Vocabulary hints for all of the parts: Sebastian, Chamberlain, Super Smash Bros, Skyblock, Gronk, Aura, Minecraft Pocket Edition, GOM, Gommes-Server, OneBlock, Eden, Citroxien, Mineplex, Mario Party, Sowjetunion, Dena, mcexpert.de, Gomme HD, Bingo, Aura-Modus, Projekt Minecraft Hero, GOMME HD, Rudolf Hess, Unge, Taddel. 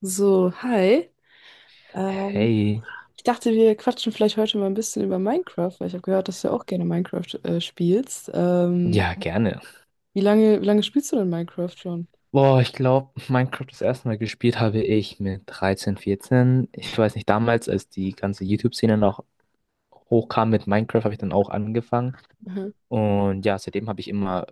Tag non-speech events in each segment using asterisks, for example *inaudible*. So, hi. Ähm, Hey, ich dachte, wir quatschen vielleicht heute mal ein bisschen über Minecraft, weil ich habe gehört, dass du ja auch gerne Minecraft spielst. Ja, gerne. wie lange spielst du denn Minecraft schon? Boah, ich glaube, Minecraft das erste Mal gespielt habe ich mit 13, 14. Ich weiß nicht, damals, als die ganze YouTube-Szene noch hochkam mit Minecraft, habe ich dann auch angefangen. Mhm. Und ja, seitdem habe ich immer,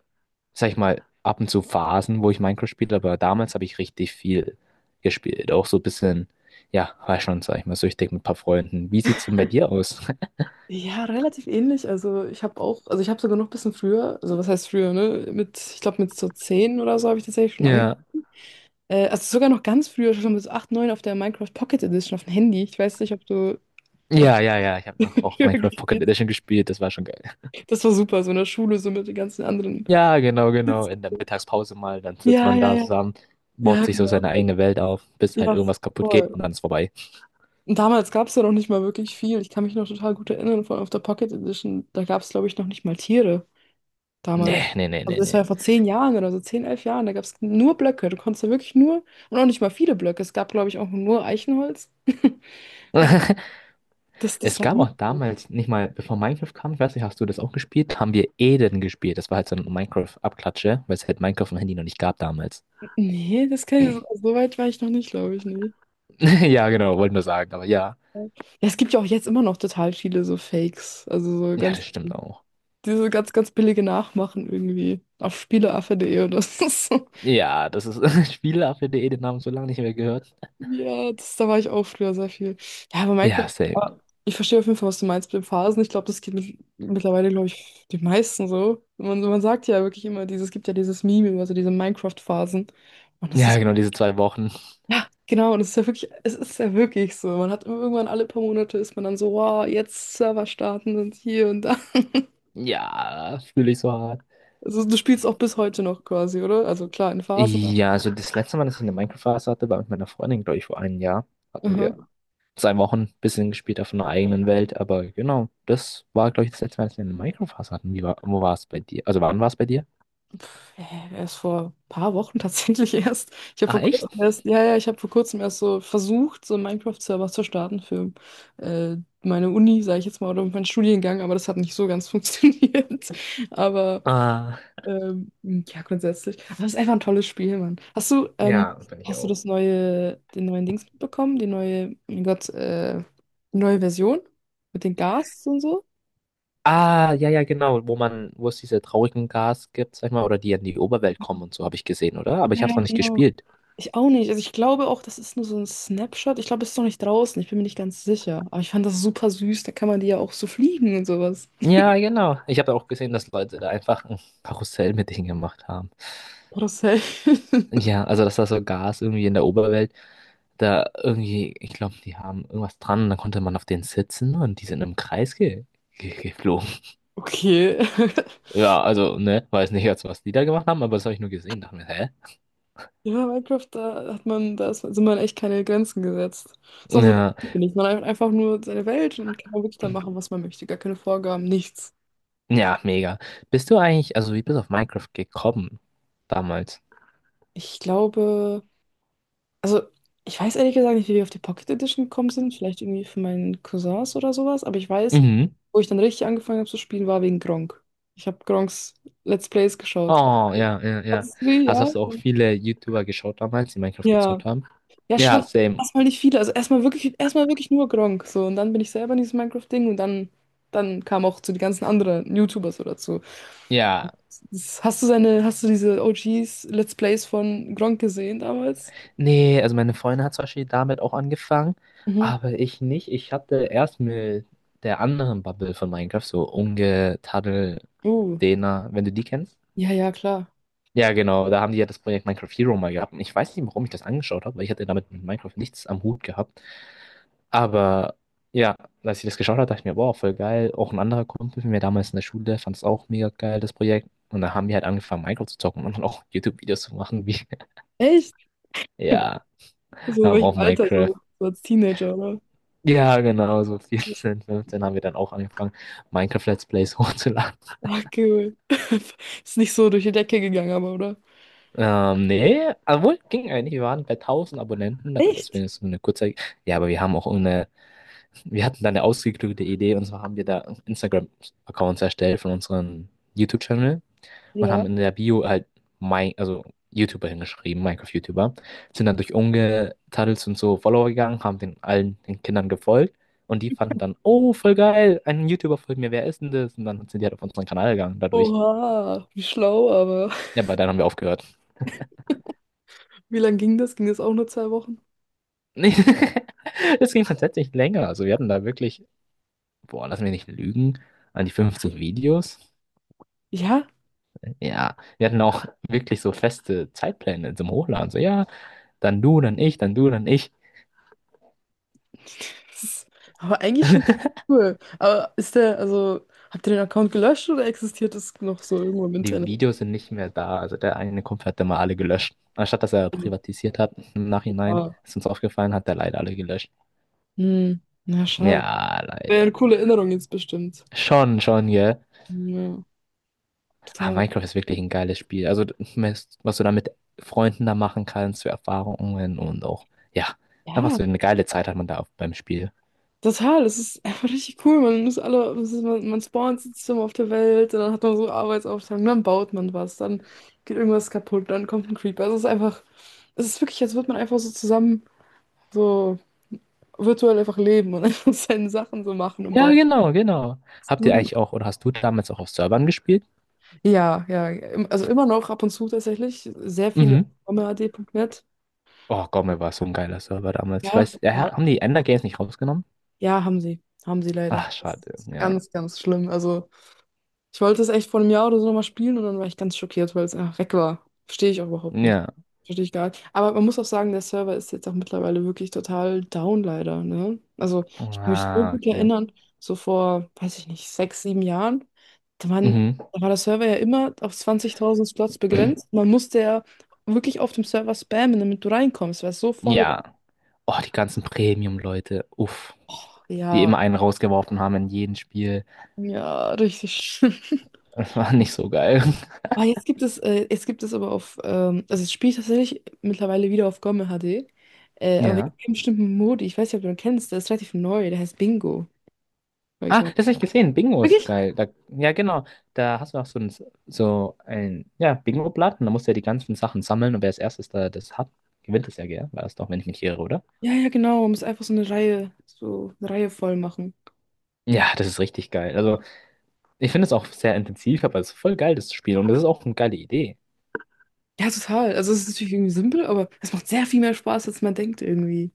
sag ich mal, ab und zu Phasen, wo ich Minecraft spiele, aber damals habe ich richtig viel gespielt. Auch so ein bisschen, ja, war schon, sag ich mal, süchtig mit ein paar Freunden. Wie sieht's denn bei dir aus? *laughs* Ja, relativ ähnlich. Also ich habe auch, also ich habe sogar noch ein bisschen früher, also was heißt früher, ne? Ich glaube mit so 10 oder so habe ich tatsächlich schon angefangen. Ja, Also sogar noch ganz früher, schon mit so 8, 9 auf der Minecraft Pocket Edition auf dem Handy. Ich weiß nicht, ob du auf ja, ja, ja. Ich *laughs* habe noch auch früher Minecraft Pocket gespielt Edition gespielt, das war schon geil. hast. Das war super, so in der Schule, so mit den ganzen anderen. Ja, genau, genau. In *laughs* der Mittagspause mal, dann sitzt Ja, man ja, da ja. zusammen, baut Ja, sich so genau. seine eigene Welt auf, bis halt Ja, irgendwas kaputt geht voll. und dann ist vorbei. Und damals gab es ja noch nicht mal wirklich viel. Ich kann mich noch total gut erinnern, vor allem auf der Pocket Edition. Da gab es, glaube ich, noch nicht mal Tiere damals. Nee, nee, nee, Also nee, das nee. war ja vor 10 Jahren oder so, 10, 11 Jahren. Da gab es nur Blöcke. Du konntest ja wirklich nur, und auch nicht mal viele Blöcke. Es gab, glaube ich, auch nur Eichenholz. *laughs* So, *laughs* das Es war gab nicht. auch damals, nicht mal, bevor Minecraft kam, ich weiß nicht, hast du das auch gespielt? Haben wir Eden gespielt. Das war halt so ein Minecraft-Abklatsche, weil es halt Minecraft am Handy noch nicht gab damals. Nee, so weit war ich noch nicht, glaube ich, nee. *laughs* Ja, genau, wollte nur sagen, aber ja. Ja, es gibt ja auch jetzt immer noch total viele so Fakes. Ja, das stimmt auch. Diese ganz, ganz billige Nachmachen irgendwie. Auf spieleaffe.de oder *laughs* so. Ja, das ist *laughs* Spiele, auf die Eden haben so lange nicht mehr gehört. Ja, da war ich auch früher sehr viel. Ja, aber Minecraft, Ja, same. ah, ich verstehe auf jeden Fall, was du meinst mit den Phasen. Ich glaube, das geht mittlerweile, glaube ich, den meisten so. Man sagt ja wirklich immer, es gibt ja dieses Meme über so diese Minecraft-Phasen. Und das Ja, ist, genau, diese 2 Wochen. ja, genau, und es ist ja wirklich, es ist ja wirklich so. Man hat irgendwann alle paar Monate ist man dann so, wow, jetzt Server starten und hier und da. *laughs* Ja, fühle ich so hart. Also du spielst auch bis heute noch quasi, oder? Also klar, in Phasen. Ja, also das letzte Mal, dass ich eine Minecraft-Phase hatte, war mit meiner Freundin, glaube ich, vor einem Jahr. Hatten wir aber- 2 Wochen ein bisschen gespielt auf einer eigenen Welt, aber genau, das war, glaube ich, das letzte Mal, dass wir eine Minecraft-Phase hatten. Wie war, wo war es bei dir? Also wann war es bei dir? Erst vor ein paar Wochen *laughs* tatsächlich erst. Ach, echt? Ich habe vor kurzem erst so versucht, so einen Minecraft-Server zu starten für äh, meine Uni, sage ich jetzt mal, oder meinen Studiengang, aber das hat nicht so ganz *laughs* funktioniert. Aber Ah, ja, grundsätzlich. Aber es ist einfach ein tolles Spiel, Mann. Hast du, ja, ähm, bin ich hast du auch. das neue, den neuen Dings mitbekommen? Die neue, mein Gott, die neue Version? Mit den Gas und so? Ah, ja, ja, genau, wo man, wo es diese traurigen Gas gibt, sag ich mal, oder die in die Oberwelt kommen und so, habe ich gesehen, oder? Aber ich habe es Ja, noch nicht genau. gespielt. Ich auch nicht. Also ich glaube auch, das ist nur so ein Snapshot. Ich glaube, es ist noch nicht draußen. Ich bin mir nicht ganz sicher. Aber ich fand das super süß. Da kann man die ja auch so fliegen und sowas. Ja, genau. Ich habe auch gesehen, dass Leute da einfach ein Karussell mit denen gemacht haben. Oder safe. *laughs* Ja, also dass da so Gas irgendwie in der Oberwelt da irgendwie, ich glaube, die haben irgendwas dran und dann konnte man auf denen sitzen und die sind im Kreis ge ge geflogen. Okay. *laughs* Ja, also, ne, weiß nicht jetzt, was die da gemacht haben, aber das habe ich nur gesehen, dachte mir, hä? Ja, Minecraft, da hat man, da ist, sind man echt keine Grenzen gesetzt. Ist auch so, Ja, finde ich. Man hat einfach nur seine Welt und kann wirklich da machen, was man möchte. Gar keine Vorgaben, nichts. ja, mega. Bist du eigentlich, also wie bist du auf Minecraft gekommen damals? Ich glaube. Also, ich weiß ehrlich gesagt nicht, wie wir auf die Pocket Edition gekommen sind. Vielleicht irgendwie von meinen Cousins oder sowas. Aber ich weiß, Mhm. wo ich dann richtig angefangen habe zu spielen, war wegen Gronk. Ich habe Gronks Let's Plays geschaut. Oh, ja, ja, ja. Hast du, Also ja? hast du auch viele YouTuber geschaut damals, die Minecraft Ja. gezockt haben? Ja, schon Ja, same. erstmal nicht viele. Also erstmal wirklich nur Gronk. So, und dann bin ich selber in dieses Minecraft-Ding und dann kamen auch zu die ganzen anderen YouTuber so dazu. Ja. Das, hast du seine, hast du diese OGs Let's Plays von Gronk gesehen damals? Nee, also meine Freundin hat zum Beispiel damit auch angefangen, Mhm. aber ich nicht. Ich hatte erst mit der anderen Bubble von Minecraft, so Unge, Taddel, Uh. Dena, wenn du die kennst. Ja, ja, klar. Ja, genau, da haben die ja das Projekt Minecraft Hero mal gehabt. Und ich weiß nicht, warum ich das angeschaut habe, weil ich hatte damit mit Minecraft nichts am Hut gehabt. Aber ja, als ich das geschaut habe, dachte ich mir, boah, voll geil. Auch ein anderer Kumpel von mir damals in der Schule fand es auch mega geil, das Projekt. Und da haben wir halt angefangen, Minecraft zu zocken und dann auch *laughs* YouTube-Videos zu machen, wie, *laughs* Echt? ja, So in haben welchem auch Alter? Minecraft So als Teenager, oder? ja, genau, so 14, 15 haben wir dann auch angefangen, Minecraft Let's Plays *laughs* hochzuladen. Ach, cool. *laughs* Ist nicht so durch die Decke gegangen, aber, oder? Nee, obwohl, ging eigentlich. Wir waren bei 1000 Abonnenten dafür, dass Echt? wir so eine kurze. Ja, aber wir haben auch eine. Wir hatten da eine ausgeklügelte Idee und zwar haben wir da Instagram-Accounts erstellt von unserem YouTube-Channel und Ja. haben in der Bio halt mein, also YouTuber hingeschrieben, Minecraft-YouTuber, sind dann durch Unge-Tunnels und so Follower gegangen, haben den allen den Kindern gefolgt und die fanden dann, oh, voll geil, ein YouTuber folgt mir, wer ist denn das? Und dann sind die halt auf unseren Kanal gegangen dadurch. Oha, wie schlau, aber Ja, aber dann haben wir aufgehört. *laughs* wie lange ging das? Ging das auch nur 2 Wochen? *laughs* Das ging tatsächlich länger. Also wir hatten da wirklich, boah, lass mich nicht lügen, an die 15 Videos. Ja, Ja, wir hatten auch wirklich so feste Zeitpläne zum Hochladen. So, ja, dann du, dann ich, dann du, dann ich. das ist aber eigentlich schon *laughs* cool. Aber habt ihr den Account gelöscht oder existiert es noch so irgendwo im Die Internet? Videos sind nicht mehr da. Also der eine Kumpel hat immer alle gelöscht. Anstatt dass er privatisiert hat im Nachhinein, Ah. ist uns aufgefallen, hat er leider alle gelöscht. Hm, na schade. Ja, Wäre leider. eine coole Erinnerung jetzt bestimmt. Schon, schon, gell. Ja, Ah, total. Minecraft ist wirklich ein geiles Spiel. Also, was du da mit Freunden da machen kannst, für Erfahrungen und auch, ja, einfach Ja, so eine geile Zeit hat man da auf, beim Spiel. total, es ist einfach richtig cool. Man muss alle, das ist, man spawnt System auf der Welt, und dann hat man so Arbeitsaufteilung, dann baut man was, dann geht irgendwas kaputt, dann kommt ein Creeper. Also es ist einfach, es ist wirklich, als würde man einfach so zusammen so virtuell einfach leben und *laughs* einfach seine Sachen so machen und Ja, bauen. genau, genau. Habt ihr eigentlich auch, oder hast du damals auch auf Servern gespielt? Ja, ja, also immer noch ab und zu tatsächlich. Sehr viele auf Mhm. Omad Punkt Net. Oh Gott, mir war so ein geiler Server damals. Ich Ja, weiß, ja, haben die Ender Games nicht rausgenommen? ja, haben sie. Haben sie leider. Ach, Das schade. ist Ja. ganz, ganz schlimm. Also. Ich wollte es echt vor einem Jahr oder so nochmal spielen und dann war ich ganz schockiert, weil es einfach weg war. Verstehe ich auch überhaupt nicht. Ja. Verstehe ich gar nicht. Aber man muss auch sagen, der Server ist jetzt auch mittlerweile wirklich total down, leider, ne? Also, ich kann mich so Ah, gut okay. erinnern, so vor, weiß ich nicht, 6, 7 Jahren, da waren, Mhm. da war der Server ja immer auf 20.000 Slots begrenzt. *clears throat* Man musste ja wirklich auf dem Server spammen, damit du reinkommst, weil es so voll war. Ja. Oh, die ganzen Premium-Leute. Uff. Och, Die ja, immer einen rausgeworfen haben in jedem Spiel. ja, richtig schlimm. Das war nicht so geil. *laughs* Ah, jetzt gibt es aber also es spielt tatsächlich mittlerweile wieder auf GOMME HD, aber wegen Ja. einem bestimmten Modi, ich weiß nicht, ob du ihn kennst, der ist relativ neu, der heißt Bingo bei Ah, GOMME. das habe ich gesehen. Bingo ist Wirklich? geil. Da, ja, genau. Da hast du auch so ein ja, Bingo-Blatt und da musst du ja die ganzen Sachen sammeln und wer als erstes da das hat, gewinnt es ja, gell? War das doch, wenn ich mich nicht irre, oder? Ja, ja, genau, man muss einfach so eine Reihe voll machen. Ja, das ist richtig geil. Also, ich finde es auch sehr intensiv, aber es ist voll geil, das zu spielen und das ist auch eine geile Idee. Ja, total. Also es ist natürlich irgendwie simpel, aber es macht sehr viel mehr Spaß, als man denkt irgendwie.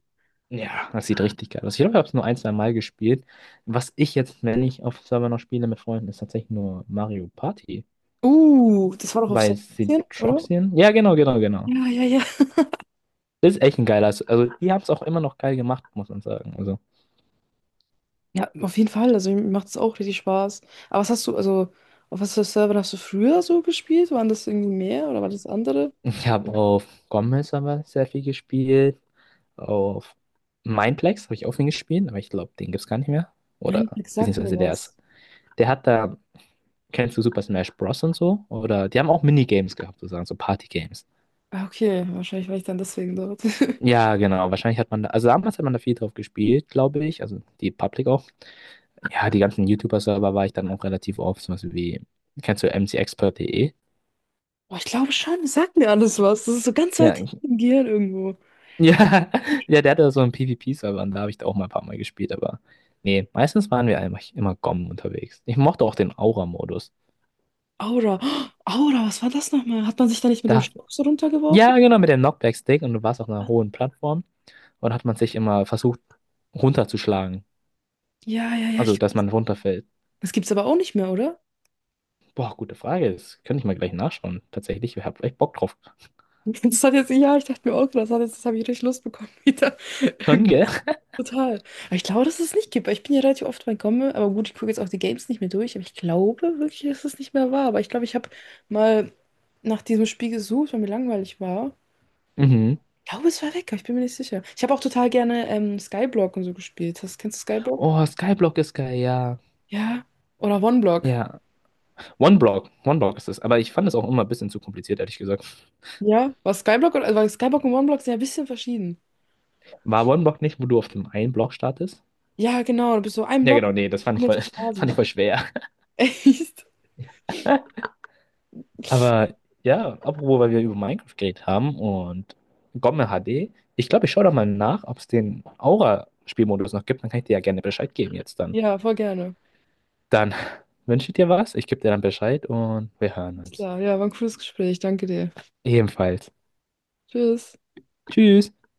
Ja, das sieht richtig geil aus. Ich glaube, ich habe es nur ein, zwei Mal gespielt. Was ich jetzt, wenn ich auf Server noch spiele mit Freunden, ist tatsächlich nur Mario Party. Das war doch auf Weil Sebastian, oder? Citroxien? Ja, genau, genau, genau. Ja, ja, ja. Das ist echt ein geiler. Se- Also, die haben es auch immer noch geil gemacht, muss man sagen. Also, Ja, auf jeden Fall. Also mir macht es auch richtig Spaß. Aber was hast du, also auf was für Servern hast du früher so gespielt? Waren das irgendwie mehr oder war das andere? ich habe auf Gommes-Server sehr viel gespielt. Auf Mineplex habe ich auch viel gespielt, aber ich glaube, den gibt es gar nicht mehr. Oder, Mindflex sagt mir beziehungsweise der ist. was. Der hat da, kennst du Super Smash Bros. Und so? Oder die haben auch Minigames gehabt, sozusagen, so Party-Games. Ah, okay, wahrscheinlich war ich dann deswegen dort. *laughs* Ja, genau. Wahrscheinlich hat man da, also damals hat man da viel drauf gespielt, glaube ich. Also die Public auch. Ja, die ganzen YouTuber-Server war ich dann auch relativ oft. Zum Beispiel wie, kennst du mcexpert.de? Boah, ich glaube schon, es sagt mir alles was. Das ist so ganz Ja, weit hinten ich- im *laughs* Gehirn irgendwo. ja, ja, der hatte so einen PvP-Server und da habe ich da auch mal ein paar Mal gespielt, aber nee, meistens waren wir eigentlich immer GOM unterwegs. Ich mochte auch den Aura-Modus. Aura. *gasps* Oh, Aura, was war das nochmal? Hat man sich da nicht mit dem Da, Stock so runtergeworfen? ja, genau, mit dem Knockback-Stick und du warst auf einer hohen Plattform und hat man sich immer versucht runterzuschlagen. Ja, ja, ja. Also, Ich... dass man runterfällt. Das gibt's aber auch nicht mehr, oder? Boah, gute Frage. Das könnte ich mal gleich nachschauen. Tatsächlich, ich hab echt Bock drauf. *laughs* Ja, ich dachte mir auch, das habe ich richtig Lust bekommen *laughs* wieder. Schon, Irgendwie gell? total. Aber ich glaube, dass es nicht gibt. Ich bin ja relativ oft bei Komme, aber gut, ich gucke jetzt auch die Games nicht mehr durch. Aber ich glaube wirklich, dass es nicht mehr war. Aber ich glaube, ich habe mal nach diesem Spiel gesucht, weil mir langweilig war. Mhm. Ich glaube, es war weg, aber ich bin mir nicht sicher. Ich habe auch total gerne Skyblock und so gespielt. Kennst du Skyblock? Oh, Skyblock ist geil, ja. Ja. Oder OneBlock. Ja. OneBlock. OneBlock ist es. Aber ich fand es auch immer ein bisschen zu kompliziert, ehrlich gesagt. Ja. Weil Skyblock und OneBlock sind ja ein bisschen verschieden. War OneBlock nicht, wo du auf dem einen Block startest? Ja, genau. Du bist so ein Ja, Block genau, und nee, dann das fand haben ich wir voll, so *laughs* fand Phasen. ich voll schwer. *laughs* Echt? *laughs* Aber ja, apropos, weil wir über Minecraft geredet haben und Gomme HD. Ich glaube, ich schaue da mal nach, ob es den Aura-Spielmodus noch gibt. Dann kann ich dir ja gerne Bescheid geben jetzt dann. Ja, voll gerne. Dann *laughs* wünsche ich dir was. Ich gebe dir dann Bescheid und wir hören uns. Klar, ja, war ein cooles Gespräch. Danke dir. Ebenfalls, Tschüss. tschüss.